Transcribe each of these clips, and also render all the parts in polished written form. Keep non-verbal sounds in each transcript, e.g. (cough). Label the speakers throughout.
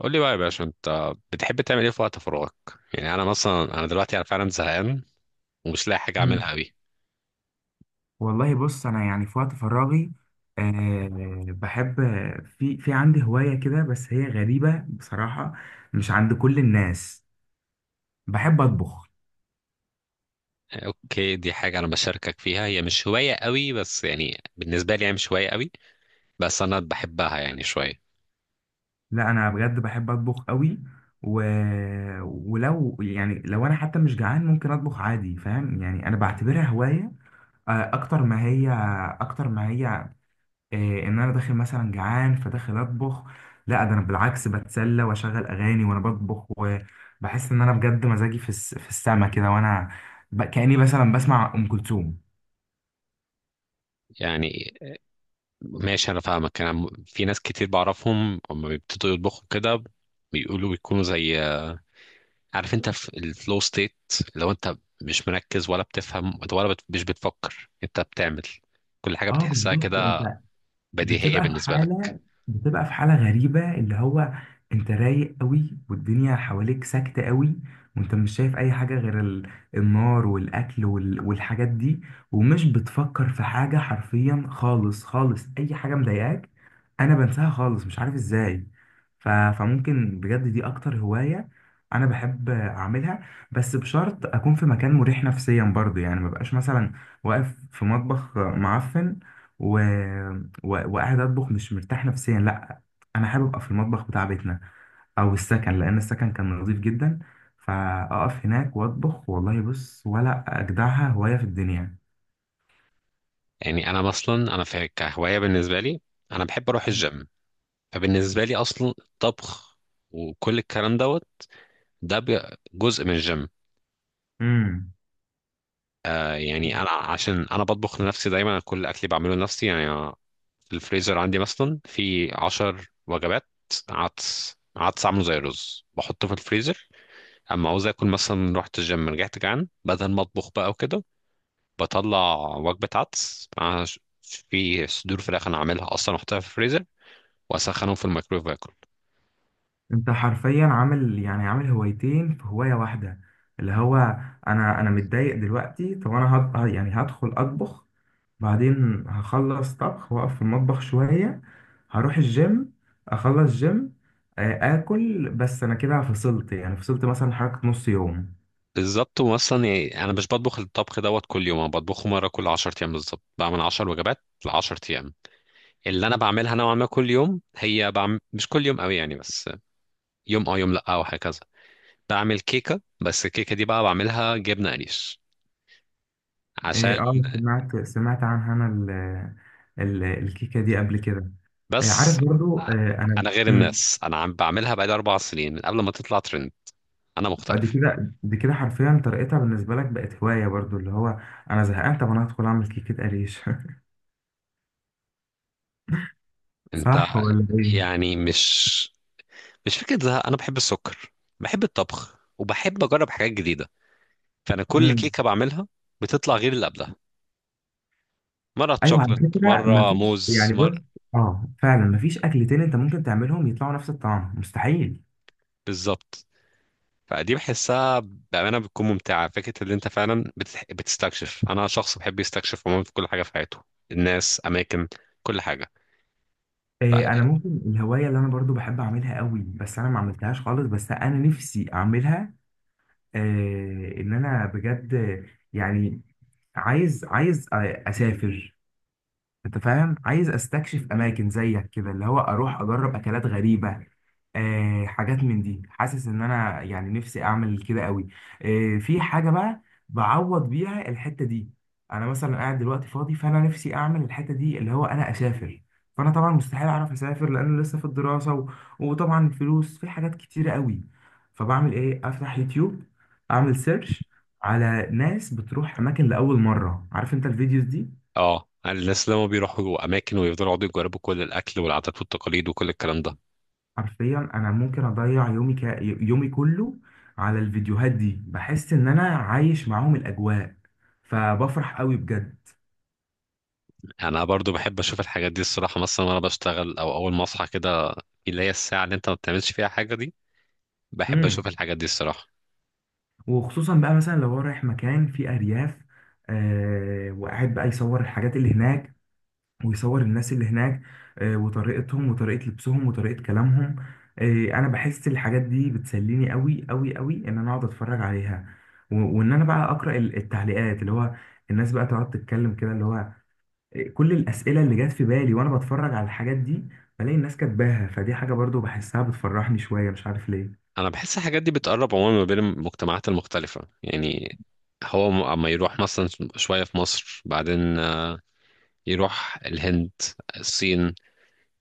Speaker 1: قول لي بقى يا باشا، انت بتحب تعمل ايه في وقت فراغك؟ يعني انا مثلا انا دلوقتي انا فعلا زهقان، ومش لاقي حاجه
Speaker 2: مم.
Speaker 1: اعملها قوي.
Speaker 2: والله بص انا يعني في وقت فراغي بحب. في عندي هواية كده، بس هي غريبة بصراحة، مش عند كل الناس. بحب اطبخ.
Speaker 1: اوكي، دي حاجه انا بشاركك فيها، هي مش هوايه قوي، بس يعني بالنسبه لي هي مش هوايه قوي، بس انا بحبها يعني شويه.
Speaker 2: لا انا بجد بحب اطبخ قوي. و... ولو يعني لو انا حتى مش جعان ممكن اطبخ عادي، فاهم يعني؟ انا بعتبرها هواية. آه، اكتر ما هي اكتر ما هي إيه؟ ان انا داخل مثلا جعان فداخل اطبخ، لا. ده انا بالعكس بتسلى واشغل اغاني وانا بطبخ، وبحس ان انا بجد مزاجي في السما كده، وانا كاني مثلا بسمع ام كلثوم.
Speaker 1: يعني ماشي، انا فاهمك، في ناس كتير بعرفهم اما بيبتدوا يطبخوا كده، بيقولوا بيكونوا زي، عارف انت في الفلو ستيت، لو انت مش مركز ولا بتفهم ولا مش بتفكر، انت بتعمل كل حاجه
Speaker 2: اه
Speaker 1: بتحسها
Speaker 2: بالظبط.
Speaker 1: كده
Speaker 2: انت
Speaker 1: بديهيه
Speaker 2: بتبقى في
Speaker 1: بالنسبه لك.
Speaker 2: حالة بتبقى في حالة غريبة، اللي هو انت رايق قوي والدنيا حواليك ساكتة قوي، وانت مش شايف اي حاجة غير النار والاكل والحاجات دي، ومش بتفكر في حاجة حرفيا خالص، خالص اي حاجة مضايقاك انا بنساها خالص، مش عارف ازاي. فممكن بجد دي اكتر هواية انا بحب اعملها. بس بشرط اكون في مكان مريح نفسيا برضه، يعني مبقاش مثلا واقف في مطبخ معفن و... وقاعد اطبخ مش مرتاح نفسيا، لا. انا حابب ابقى في المطبخ بتاع بيتنا او السكن، لان السكن كان نظيف جدا. فاقف هناك واطبخ، والله بص ولا اجدعها هوايه في الدنيا.
Speaker 1: يعني انا اصلا انا في كهوايه بالنسبه لي، انا بحب اروح الجيم، فبالنسبه لي اصلا الطبخ وكل الكلام دوت ده جزء من الجيم.
Speaker 2: امم
Speaker 1: يعني انا عشان انا بطبخ لنفسي دايما، كل اكلي بعمله لنفسي يعني أنا في الفريزر عندي مثلا في عشر وجبات. عدس عدس عامله زي الرز بحطه في الفريزر، اما عاوز اكل مثلا رحت الجيم رجعت جعان، بدل ما اطبخ بقى وكده بطلع وجبه عدس مع في صدور فراخ انا عاملها اصلا احطها في الفريزر واسخنهم في الميكرويف واكل.
Speaker 2: انت حرفيا عامل يعني عامل هوايتين في هوايه واحده، اللي هو انا متضايق دلوقتي، طب انا يعني هدخل اطبخ، بعدين هخلص طبخ واقف في المطبخ شوية، هروح الجيم، اخلص جيم، اكل. بس انا كده فصلت، يعني فصلت مثلا حركة نص يوم.
Speaker 1: بالظبط، واصلا يعني انا مش بطبخ الطبخ دوت كل يوم، انا بطبخه مره كل 10 ايام، بالظبط بعمل 10 وجبات ل 10 ايام. اللي انا بعملها نوعا ما كل يوم، هي بعمل مش كل يوم قوي يعني، بس يوم اه يوم لا او هكذا. بعمل كيكه، بس الكيكه دي بقى بعملها جبنه قريش
Speaker 2: اه
Speaker 1: عشان
Speaker 2: سمعت عنها انا ال ال الكيكة دي قبل كده. عارف
Speaker 1: بس.
Speaker 2: برضو. آه،
Speaker 1: انا
Speaker 2: انا
Speaker 1: غير الناس، انا عم بعملها بقالي اربع سنين من قبل ما تطلع ترند. انا
Speaker 2: دي
Speaker 1: مختلف.
Speaker 2: كده دي كده حرفيا طريقتها بالنسبة لك بقت هواية برضو، اللي هو انا زهقان، طب انا هدخل اعمل كيكة قريش (laughs)
Speaker 1: انت
Speaker 2: صح ولا ايه؟
Speaker 1: يعني مش فكرة زهق، أنا بحب السكر، بحب الطبخ وبحب أجرب حاجات جديدة. فأنا كل
Speaker 2: مم.
Speaker 1: كيكة بعملها بتطلع غير اللي قبلها، مرة
Speaker 2: ايوه على
Speaker 1: شوكلت
Speaker 2: فكره،
Speaker 1: مرة
Speaker 2: مفيش
Speaker 1: موز
Speaker 2: يعني
Speaker 1: مرة.
Speaker 2: بص، اه فعلا مفيش اكلتين انت ممكن تعملهم يطلعوا نفس الطعم، مستحيل.
Speaker 1: بالظبط. فدي بحسها بأمانة بتكون ممتعة، فكرة اللي أنت فعلا بتستكشف. أنا شخص بحب يستكشف عموما في كل حاجة في حياته، الناس، أماكن، كل حاجة. ف...
Speaker 2: إيه، انا ممكن الهوايه اللي انا برضو بحب اعملها قوي، بس انا ما عملتهاش خالص، بس انا نفسي اعملها، إيه ان انا بجد يعني عايز اسافر. انت فاهم؟ عايز استكشف اماكن زيك كده، اللي هو اروح اجرب اكلات غريبه، آه حاجات من دي. حاسس ان انا يعني نفسي اعمل كده قوي. آه، في حاجه بقى بعوض بيها الحته دي. انا مثلا قاعد دلوقتي فاضي، فانا نفسي اعمل الحته دي اللي هو انا اسافر، فانا طبعا مستحيل اعرف اسافر لان لسه في الدراسه وطبعا الفلوس في حاجات كتيره قوي. فبعمل ايه؟ افتح يوتيوب، اعمل سيرش على ناس بتروح اماكن لاول مره، عارف انت الفيديوز دي.
Speaker 1: اه الناس لما بيروحوا أماكن ويفضلوا يقعدوا يجربوا كل الأكل والعادات والتقاليد وكل الكلام ده.
Speaker 2: حرفيا انا ممكن اضيع يومي، يومي كله على الفيديوهات دي. بحس ان انا عايش معاهم الاجواء، فبفرح قوي بجد.
Speaker 1: أنا برضو بحب أشوف الحاجات دي الصراحة، مثلا وأنا بشتغل أو أول ما أصحى كده، اللي هي الساعة اللي انت ما بتعملش فيها حاجة دي، بحب اشوف
Speaker 2: امم
Speaker 1: الحاجات دي الصراحة.
Speaker 2: وخصوصا بقى مثلا لو هو رايح مكان فيه ارياف، آه، وقاعد بقى يصور الحاجات اللي هناك، ويصور الناس اللي هناك، آه، وطريقتهم وطريقة لبسهم وطريقة كلامهم. آه، انا بحس الحاجات دي بتسليني قوي قوي قوي، ان انا اقعد اتفرج عليها، وان انا بقى اقرا التعليقات، اللي هو الناس بقى تقعد تتكلم كده، اللي هو كل الأسئلة اللي جات في بالي وأنا بتفرج على الحاجات دي، بلاقي الناس كاتباها. فدي حاجة برضو بحسها بتفرحني شوية، مش عارف ليه.
Speaker 1: انا بحس الحاجات دي بتقرب عموما ما بين المجتمعات المختلفة، يعني هو اما يروح مثلا شوية في مصر، بعدين يروح الهند، الصين،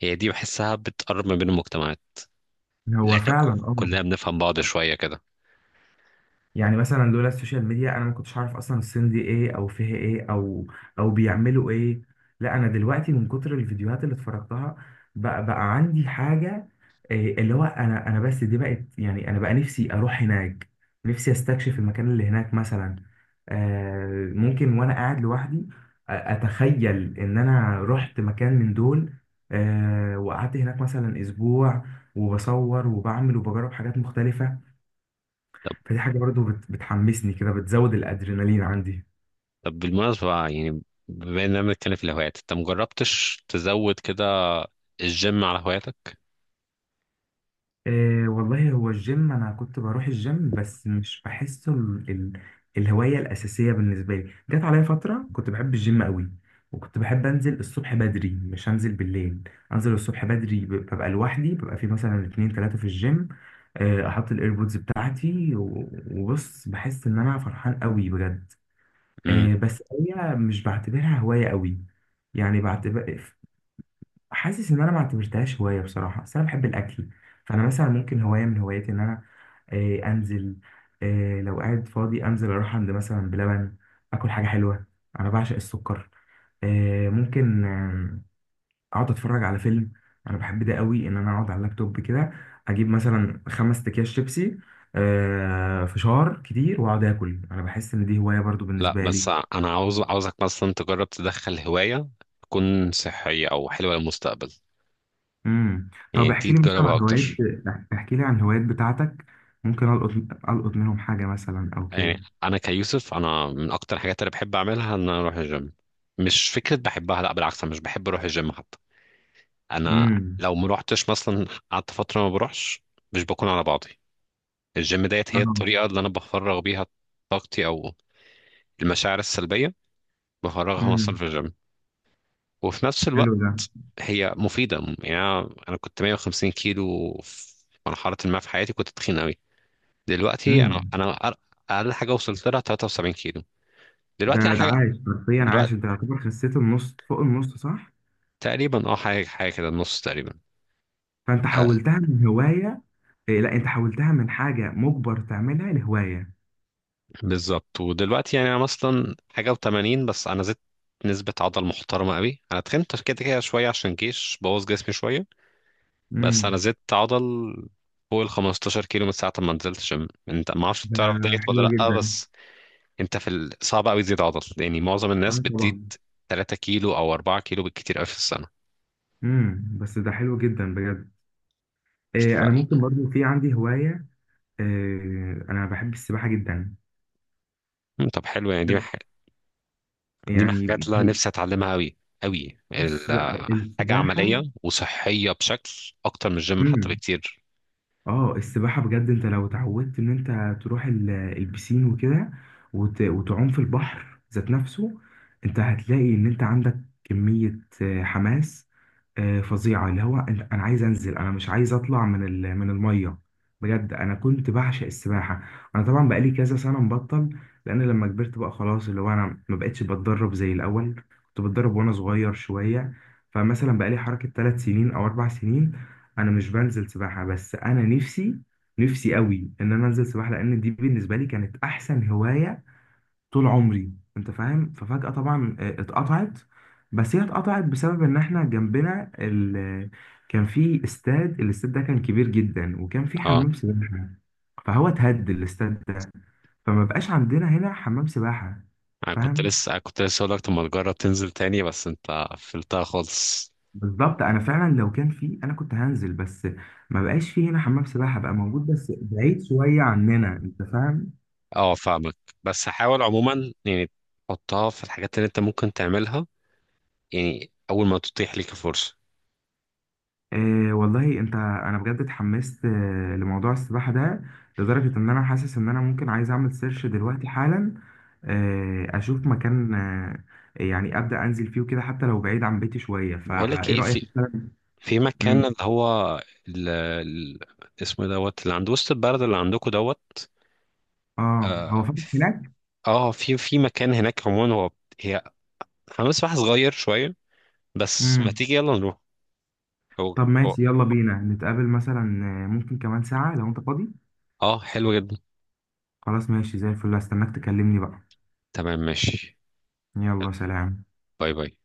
Speaker 1: هي دي بحسها بتقرب ما بين المجتمعات، لان
Speaker 2: هو
Speaker 1: احنا
Speaker 2: فعلا اه.
Speaker 1: كلنا بنفهم بعض شوية كده.
Speaker 2: يعني مثلا لولا السوشيال ميديا انا ما كنتش عارف اصلا الصين دي ايه، او فيها ايه، او بيعملوا ايه. لا انا دلوقتي من كتر الفيديوهات اللي اتفرجتها بقى، عندي حاجة، إيه اللي هو انا بس دي بقت، يعني انا بقى نفسي اروح هناك، نفسي استكشف المكان اللي هناك مثلا. آه، ممكن وانا قاعد لوحدي اتخيل ان انا رحت مكان من دول، آه، وقعدت هناك مثلا اسبوع، وبصور وبعمل وبجرب حاجات مختلفة.
Speaker 1: طب
Speaker 2: فدي حاجة برضو بتحمسني كده، بتزود الأدرينالين عندي.
Speaker 1: طب بالمناسبة بقى، يعني بما اننا بنتكلم في الهوايات، انت مجربتش تزود كده الجيم على هواياتك؟
Speaker 2: إيه والله هو الجيم، أنا كنت بروح الجيم بس مش بحسه الهواية الأساسية بالنسبة لي. جت عليا فترة كنت بحب الجيم قوي، وكنت بحب أنزل الصبح بدري، مش أنزل بالليل. أنزل الصبح بدري، ببقى لوحدي، ببقى في مثلا اتنين تلاتة في الجيم. آه، أحط الإيربودز بتاعتي وبص، بحس إن أنا فرحان قوي بجد. آه، بس هي مش بعتبرها هواية قوي، يعني بعتبر، حاسس ان انا ما اعتبرتهاش هوايه بصراحه، بس انا بحب الاكل. فانا مثلا ممكن هوايه من هواياتي ان انا، انزل، لو قاعد فاضي انزل اروح عند مثلا بلبن، اكل حاجه حلوه، انا بعشق السكر. آه، ممكن آه، اقعد اتفرج على فيلم. انا بحب ده قوي، ان انا اقعد على اللابتوب كده، اجيب مثلا 5 اكياس شيبسي، فشار كتير، واقعد اكل. انا بحس ان دي هوايه برضو
Speaker 1: لا،
Speaker 2: بالنسبه لي.
Speaker 1: بس انا عاوزك مثلا تجرب تدخل هواية تكون صحية او حلوة للمستقبل،
Speaker 2: امم
Speaker 1: يعني
Speaker 2: طب
Speaker 1: دي
Speaker 2: احكي لي مثلا
Speaker 1: تجربها
Speaker 2: عن هوايات،
Speaker 1: اكتر.
Speaker 2: احكي لي عن الهوايات بتاعتك. ممكن القط، منهم حاجه مثلا او
Speaker 1: يعني
Speaker 2: كده.
Speaker 1: انا كيوسف، انا من اكتر الحاجات اللي بحب اعملها ان انا اروح الجيم، مش فكرة بحبها، لا بالعكس انا مش بحب اروح الجيم حتى، انا
Speaker 2: امم.
Speaker 1: لو ما روحتش مثلا قعدت فترة ما بروحش مش بكون على بعضي. الجيم ديت هي
Speaker 2: اه.
Speaker 1: الطريقة اللي انا بفرغ بيها طاقتي، او المشاعر السلبية بفرغها مثلا
Speaker 2: امم.
Speaker 1: في الجيم. وفي نفس الوقت
Speaker 2: حلو ده.
Speaker 1: هي مفيدة، يعني أنا كنت 150 كيلو في مرحلة ما في حياتي، كنت تخين أوي. دلوقتي أنا
Speaker 2: امم.
Speaker 1: أنا أر- أقل حاجة وصلت لها 73 كيلو. دلوقتي أنا
Speaker 2: ده
Speaker 1: حاجة
Speaker 2: عايش حرفيا، عايش
Speaker 1: دلوقتي
Speaker 2: انت يعتبر خسيت النص، فوق النص صح؟
Speaker 1: تقريبا، أه، حاجة حاجة كده النص تقريبا.
Speaker 2: فانت
Speaker 1: آه
Speaker 2: حولتها من هوايه، إيه لا انت حولتها من حاجه مجبر تعملها لهوايه.
Speaker 1: بالظبط، ودلوقتي يعني أنا مثلا حاجة و80 بس، أنا زدت نسبة عضل محترمة أوي، أنا تخنت كده كده شوية عشان جيش بوظ جسمي شوية. بس أنا
Speaker 2: امم.
Speaker 1: زدت عضل فوق ال 15 كيلو من ساعة ما نزلت جيم. أنت ما أعرفش
Speaker 2: ده
Speaker 1: تعرف دايت ولا
Speaker 2: حلو
Speaker 1: لأ،
Speaker 2: جدا.
Speaker 1: بس انت صعب قوي تزيد عضل، يعني معظم الناس
Speaker 2: اه
Speaker 1: بتزيد
Speaker 2: طبعا.
Speaker 1: 3 كيلو او 4 كيلو بالكتير قوي في السنه.
Speaker 2: امم، بس ده حلو جدا بجد. إيه، انا
Speaker 1: بالفعل.
Speaker 2: ممكن برضو في عندي هوايه، إيه، انا بحب السباحه جدا
Speaker 1: مم، طب حلو، يعني دي من
Speaker 2: يعني.
Speaker 1: الحاجات اللي أنا
Speaker 2: هي-
Speaker 1: نفسي اتعلمها قوي قوي
Speaker 2: بص،
Speaker 1: حاجه
Speaker 2: السباحة،
Speaker 1: عمليه وصحيه بشكل اكتر من الجيم حتى
Speaker 2: مم.
Speaker 1: بكتير.
Speaker 2: اه، السباحة بجد، انت لو اتعودت ان انت تروح البسين وكده، وتعوم في البحر ذات نفسه، انت هتلاقي ان انت عندك كمية حماس فظيعة، اللي هو انا عايز انزل، انا مش عايز اطلع من المية. بجد انا كنت بعشق السباحة. انا طبعا بقالي كذا سنة مبطل، لان لما كبرت بقى خلاص، اللي هو انا ما بقتش بتدرب زي الاول. كنت بتدرب وانا صغير شوية. فمثلا بقالي حركة 3 سنين او 4 سنين انا مش بنزل سباحه، بس انا نفسي قوي ان انا انزل سباحه، لان دي بالنسبه لي كانت احسن هوايه طول عمري. انت فاهم؟ ففجاه طبعا اتقطعت. بس هي اتقطعت بسبب ان احنا جنبنا كان في استاد، الاستاد ده كان كبير جدا وكان في
Speaker 1: اه
Speaker 2: حمام سباحه، فهو اتهد الاستاد ده، فما بقاش عندنا هنا حمام سباحه.
Speaker 1: انا كنت
Speaker 2: فاهم؟
Speaker 1: لسه أنا كنت لسه اقول لك، طب ما تجرب تنزل تاني، بس انت قفلتها خالص.
Speaker 2: بالظبط. انا فعلا لو كان في انا كنت هنزل، بس ما بقاش في هنا حمام سباحه بقى موجود، بس بعيد شويه عننا، انت فاهم.
Speaker 1: اه، فاهمك، بس حاول عموما يعني تحطها في الحاجات اللي انت ممكن تعملها، يعني اول ما تتيح ليك الفرصه.
Speaker 2: آه والله انت، انا بجد اتحمست آه لموضوع السباحه ده، لدرجه ان انا حاسس ان انا ممكن عايز اعمل سيرش دلوقتي حالا، آه اشوف مكان، آه يعني ابدا انزل فيه وكده، حتى لو بعيد عن بيتي شويه.
Speaker 1: بقول لك
Speaker 2: فايه
Speaker 1: ايه،
Speaker 2: رايك
Speaker 1: في
Speaker 2: مثلا؟
Speaker 1: في مكان
Speaker 2: مم.
Speaker 1: اللي هو ال... ال- اسمه إيه دوت اللي عند وسط البلد اللي عندكم دوت.
Speaker 2: اه هو
Speaker 1: اه.
Speaker 2: فاتح هناك.
Speaker 1: في مكان هناك عموما، هي حمام سباحة صغير شوية، بس ما
Speaker 2: امم.
Speaker 1: تيجي يلا نروح. هو
Speaker 2: طب
Speaker 1: هو
Speaker 2: ماشي، يلا بينا نتقابل مثلا، آه، ممكن كمان ساعه لو انت فاضي.
Speaker 1: اه حلو جدا.
Speaker 2: خلاص ماشي زي الفل، هستناك تكلمني بقى.
Speaker 1: تمام ماشي.
Speaker 2: يلا سلام.
Speaker 1: باي باي.